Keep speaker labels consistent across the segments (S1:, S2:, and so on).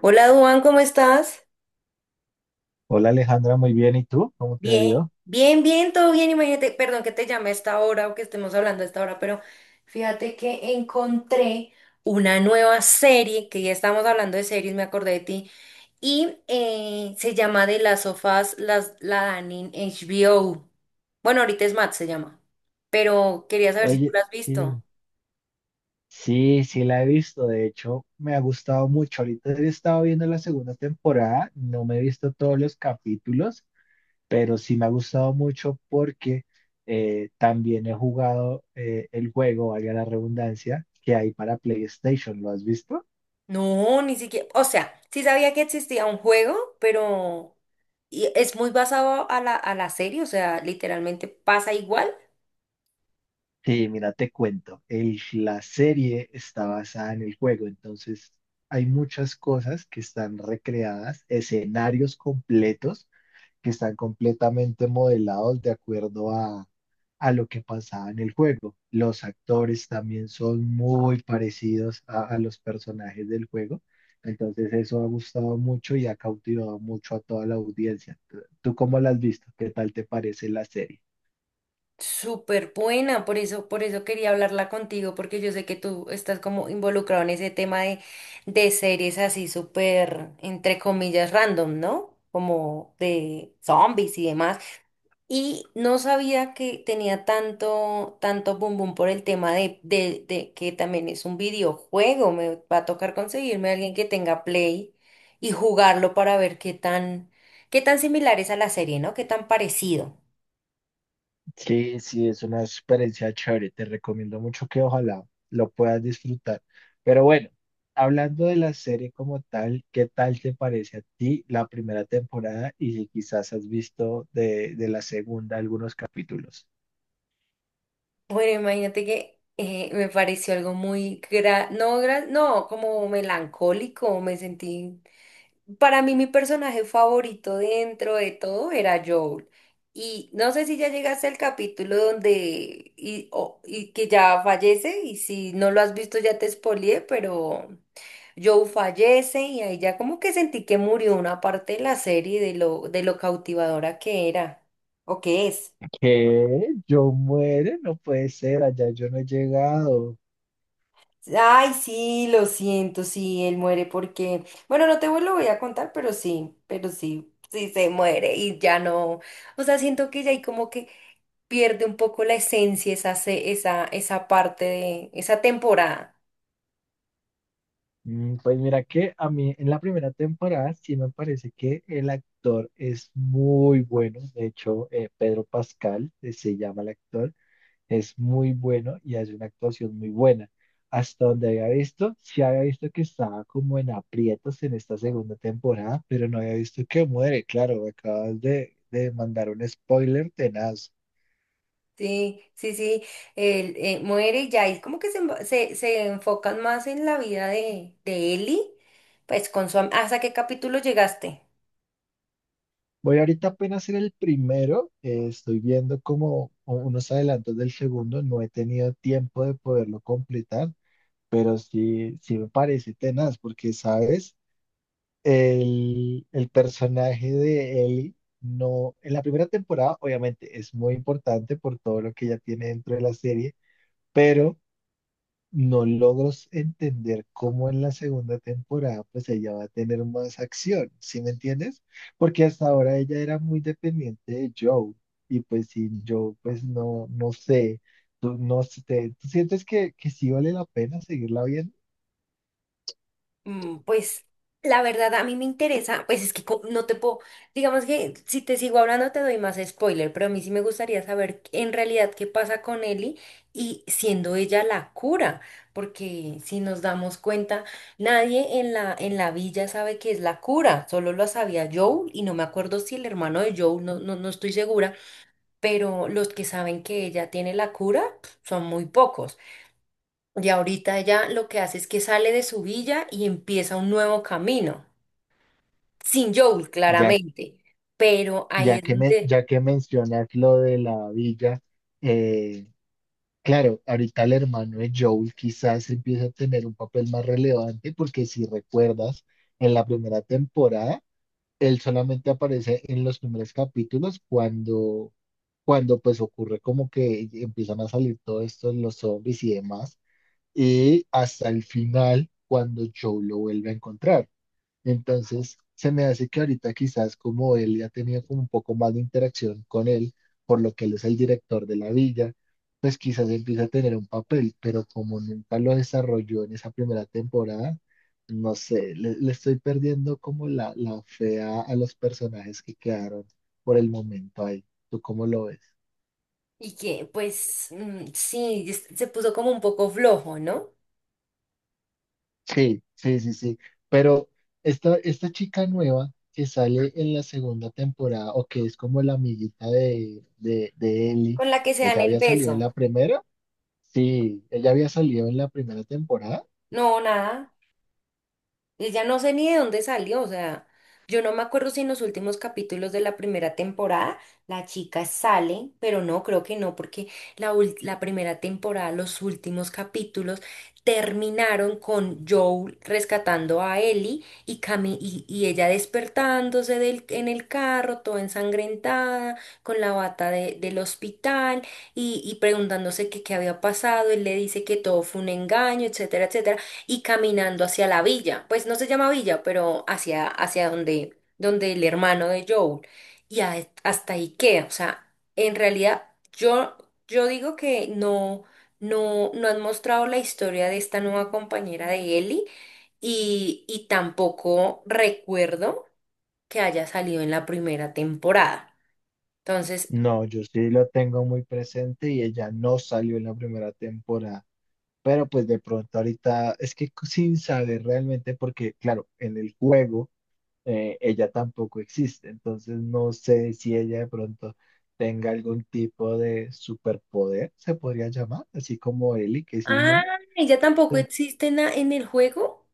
S1: Hola, Duan, ¿cómo estás?
S2: Hola Alejandra, muy bien. ¿Y tú? ¿Cómo te ha
S1: Bien,
S2: ido?
S1: bien, todo bien. Imagínate, perdón que te llame a esta hora o que estemos hablando a esta hora, pero fíjate que encontré una nueva serie, que ya estamos hablando de series, me acordé de ti, y se llama de las sofás las, la dan en HBO. Bueno, ahorita es Matt se llama, pero quería saber si tú
S2: Oye,
S1: la has visto.
S2: sí, sí, la he visto. De hecho, me ha gustado mucho. Ahorita he estado viendo la segunda temporada. No me he visto todos los capítulos, pero sí me ha gustado mucho porque también he jugado, el juego, valga la redundancia, que hay para PlayStation. ¿Lo has visto?
S1: No, ni siquiera, o sea, sí sabía que existía un juego, pero y es muy basado a la serie, o sea, literalmente pasa igual.
S2: Sí, mira, te cuento, la serie está basada en el juego, entonces hay muchas cosas que están recreadas, escenarios completos que están completamente modelados de acuerdo a lo que pasaba en el juego. Los actores también son muy parecidos a los personajes del juego, entonces eso ha gustado mucho y ha cautivado mucho a toda la audiencia. ¿¿Tú cómo la has visto? ¿Qué tal te parece la serie?
S1: Súper buena, por eso quería hablarla contigo, porque yo sé que tú estás como involucrado en ese tema de series así súper, entre comillas, random, ¿no? Como de zombies y demás. Y no sabía que tenía tanto, tanto boom boom por el tema de que también es un videojuego. Me va a tocar conseguirme a alguien que tenga Play y jugarlo para ver qué tan similar es a la serie, ¿no? Qué tan parecido.
S2: Sí, sí, es una experiencia chévere. Te recomiendo mucho que ojalá lo puedas disfrutar. Pero bueno, hablando de la serie como tal, ¿qué tal te parece a ti la primera temporada y si quizás has visto de la segunda algunos capítulos?
S1: Bueno, imagínate que me pareció algo muy, gra- no, como melancólico, me sentí. Para mí mi personaje favorito dentro de todo era Joel. Y no sé si ya llegaste al capítulo donde, y que ya fallece, y si no lo has visto ya te spoileé, pero Joel fallece y ahí ya como que sentí que murió una parte de la serie de lo cautivadora que era, o que es.
S2: ¿Qué? ¿Yo muero? No puede ser, allá yo no he llegado.
S1: Ay, sí, lo siento, sí, él muere porque, bueno, no te vu- lo voy a contar, pero sí, sí se muere y ya no, o sea, siento que ya ahí como que pierde un poco la esencia esa, esa, esa parte de, esa temporada.
S2: Pues mira que a mí en la primera temporada sí me parece que el actor es muy bueno. De hecho, Pedro Pascal, se llama el actor. Es muy bueno y hace una actuación muy buena. Hasta donde había visto, sí había visto que estaba como en aprietos en esta segunda temporada, pero no había visto que muere. Claro, me acabas de mandar un spoiler tenaz.
S1: Sí, sí, sí, él muere y ya ahí como que se, se, se enfocan más en la vida de Ellie, pues con su, ¿hasta qué capítulo llegaste?
S2: Voy ahorita apenas a hacer el primero, estoy viendo como unos adelantos del segundo, no he tenido tiempo de poderlo completar, pero sí, sí me parece tenaz, porque sabes, el personaje de Ellie no, en la primera temporada obviamente es muy importante por todo lo que ella tiene dentro de la serie, pero no logro entender cómo en la segunda temporada pues ella va a tener más acción, ¿sí me entiendes? Porque hasta ahora ella era muy dependiente de Joe y pues sin Joe pues no, no sé, tú, no sé, ¿tú sientes que sí vale la pena seguirla viendo?
S1: Mm, pues la verdad a mí me interesa, pues es que no te puedo, digamos que si te sigo hablando te doy más spoiler, pero a mí sí me gustaría saber en realidad qué pasa con Ellie y siendo ella la cura, porque si nos damos cuenta, nadie en la villa sabe que es la cura, solo lo sabía Joel y no me acuerdo si el hermano de Joel, no estoy segura, pero los que saben que ella tiene la cura son muy pocos. Y ahorita ella lo que hace es que sale de su villa y empieza un nuevo camino, sin Joel, claramente, pero ahí es donde,
S2: Ya que mencionas lo de la villa, eh, claro, ahorita el hermano de Joel quizás empieza a tener un papel más relevante, porque si recuerdas, en la primera temporada, él solamente aparece en los primeros capítulos cuando pues ocurre como que empiezan a salir todo esto, los zombies y demás, y hasta el final, cuando Joel lo vuelve a encontrar. Entonces, se me hace que ahorita quizás como él ya tenía como un poco más de interacción con él, por lo que él es el director de la villa, pues quizás empieza a tener un papel, pero como nunca lo desarrolló en esa primera temporada, no sé, le estoy perdiendo como la fe a los personajes que quedaron por el momento ahí. ¿Tú cómo lo ves?
S1: y que pues mm, sí, se puso como un poco flojo, ¿no?
S2: Sí, sí, sí, sí. Pero esta chica nueva que sale en la segunda temporada, o que es como la amiguita de Ellie,
S1: Con la que se dan
S2: ¿ella
S1: el
S2: había salido en
S1: beso.
S2: la primera? Sí, ella había salido en la primera temporada.
S1: No, nada. Y ya no sé ni de dónde salió, o sea, yo no me acuerdo si en los últimos capítulos de la primera temporada la chica sale, pero no, creo que no, porque la, la primera temporada, los últimos capítulos terminaron con Joel rescatando a Ellie y, y ella despertándose del, en el carro, toda ensangrentada, con la bata del hospital y preguntándose que qué había pasado, él le dice que todo fue un engaño, etcétera, etcétera y caminando hacia la villa, pues no se llama villa, pero hacia, hacia donde, donde el hermano de Joel, hasta ahí queda, o sea, en realidad yo, yo digo que no, no han mostrado la historia de esta nueva compañera de Ellie y tampoco recuerdo que haya salido en la primera temporada. Entonces,
S2: No, yo sí lo tengo muy presente y ella no salió en la primera temporada. Pero pues de pronto ahorita, es que sin saber realmente, porque claro, en el juego. Ella tampoco existe. Entonces no sé si ella de pronto tenga algún tipo de superpoder, se podría llamar, así como Ellie, que es
S1: ah,
S2: inmune.
S1: ella tampoco
S2: Eh,
S1: existe en en el juego.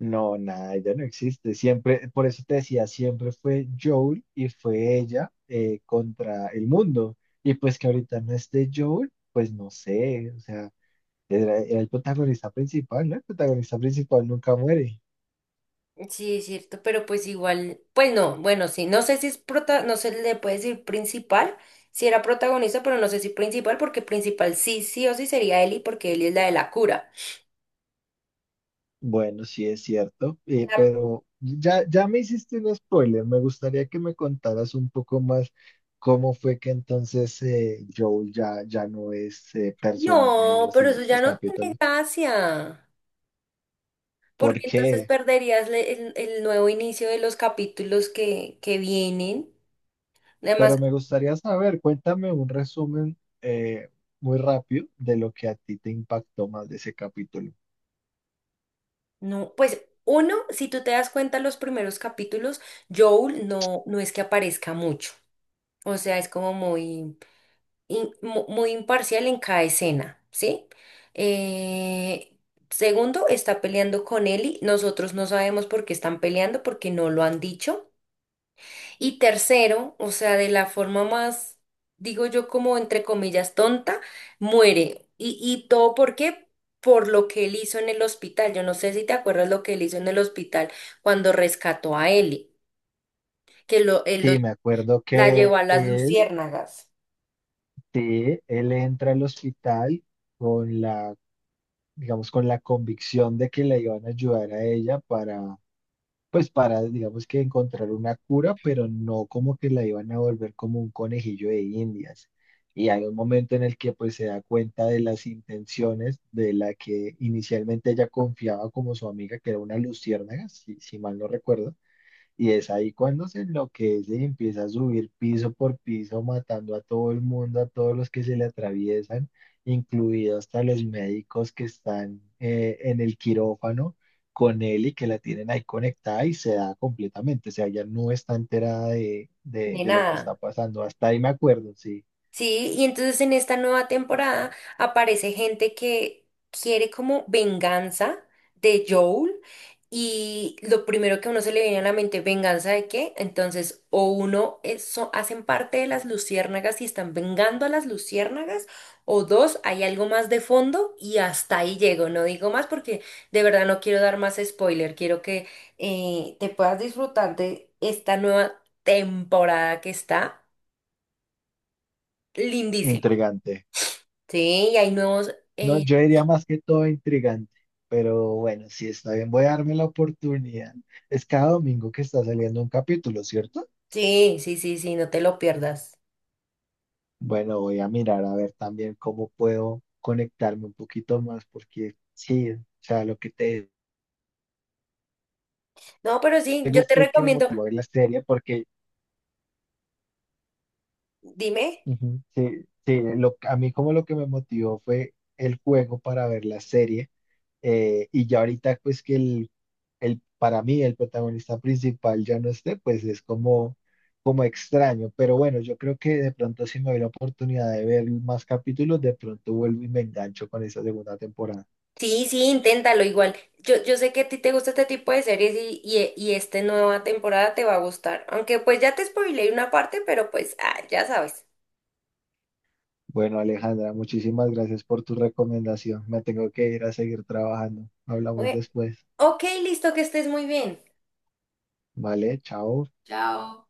S2: No, nada, ella no existe. Siempre, por eso te decía, siempre fue Joel y fue ella, contra el mundo. Y pues que ahorita no esté Joel, pues no sé, o sea, era el protagonista principal, ¿no? El protagonista principal nunca muere.
S1: Sí, es cierto, pero pues igual, pues no, bueno, sí, no sé si es prota, no se le puede decir principal, si era protagonista, pero no sé si principal, porque principal sí, sí o sí sería Ellie, porque Ellie es la de la cura.
S2: Bueno, sí es cierto,
S1: La-
S2: pero ya, ya me hiciste un spoiler. Me gustaría que me contaras un poco más cómo fue que entonces, Joel ya, ya no es, personaje en
S1: No,
S2: los
S1: pero eso ya
S2: siguientes
S1: no tiene
S2: capítulos.
S1: gracia,
S2: ¿Por
S1: porque entonces
S2: qué?
S1: perderías el nuevo inicio de los capítulos que vienen. Además,
S2: Pero me gustaría saber, cuéntame un resumen, muy rápido de lo que a ti te impactó más de ese capítulo.
S1: no, pues uno, si tú te das cuenta, los primeros capítulos, Joel no, no es que aparezca mucho, o sea, es como muy. Muy imparcial en cada escena, ¿sí? Eh, segundo, está peleando con Ellie. Nosotros no sabemos por qué están peleando, porque no lo han dicho. Y tercero, o sea, de la forma más, digo yo, como entre comillas, tonta, muere. Y todo por qué? Por lo que él hizo en el hospital. Yo no sé si te acuerdas lo que él hizo en el hospital cuando rescató a Ellie, que lo, él lo-
S2: Sí, me acuerdo
S1: la
S2: que
S1: llevó a las
S2: él,
S1: luciérnagas.
S2: sí, él entra al hospital, con la, digamos, con la convicción de que la iban a ayudar a ella para, pues para, digamos que encontrar una cura, pero no como que la iban a volver como un conejillo de Indias. Y hay un momento en el que pues se da cuenta de las intenciones de la que inicialmente ella confiaba como su amiga, que era una luciérnaga, si, si mal no recuerdo, y es ahí cuando se enloquece y empieza a subir piso por piso, matando a todo el mundo, a todos los que se le atraviesan, incluidos hasta los médicos que están, en el quirófano con él y que la tienen ahí conectada y se da completamente. O sea, ella no está enterada
S1: De
S2: de lo que
S1: nada.
S2: está pasando. Hasta ahí me acuerdo, sí.
S1: Sí, y entonces en esta nueva temporada aparece gente que quiere como venganza de Joel y lo primero que a uno se le viene a la mente, ¿venganza de qué? Entonces, o uno hacen parte de las luciérnagas y están vengando a las luciérnagas, o dos, hay algo más de fondo y hasta ahí llego, no digo más porque de verdad no quiero dar más spoiler, quiero que te puedas disfrutar de esta nueva temporada que está lindísima.
S2: Intrigante.
S1: Sí, y hay nuevos.
S2: No,
S1: eh,
S2: yo diría más que todo intrigante. Pero bueno, sí está bien, voy a darme la oportunidad. Es cada domingo que está saliendo un capítulo, ¿cierto?
S1: sí, no te lo pierdas.
S2: Bueno, voy a mirar a ver también cómo puedo conectarme un poquito más, porque sí, o sea, lo que te
S1: No, pero sí,
S2: digo
S1: yo te
S2: fue el que me
S1: recomiendo.
S2: motivó a ver la serie, porque
S1: Dime.
S2: Ujú. Sí, sí, lo, a mí como lo que me motivó fue el juego para ver la serie, y ya ahorita pues que el, para mí el protagonista principal ya no esté, pues es como, como extraño, pero bueno, yo creo que de pronto si me doy la oportunidad de ver más capítulos, de pronto vuelvo y me engancho con esa segunda temporada.
S1: Sí, sí, inténtalo igual. Yo sé que a ti te gusta este tipo de series y esta nueva temporada te va a gustar. Aunque pues ya te spoileé una parte, pero pues ah, ya sabes.
S2: Bueno, Alejandra, muchísimas gracias por tu recomendación. Me tengo que ir a seguir trabajando. Hablamos
S1: Bueno,
S2: después.
S1: ok, listo, que estés muy bien.
S2: Vale, chao.
S1: Chao.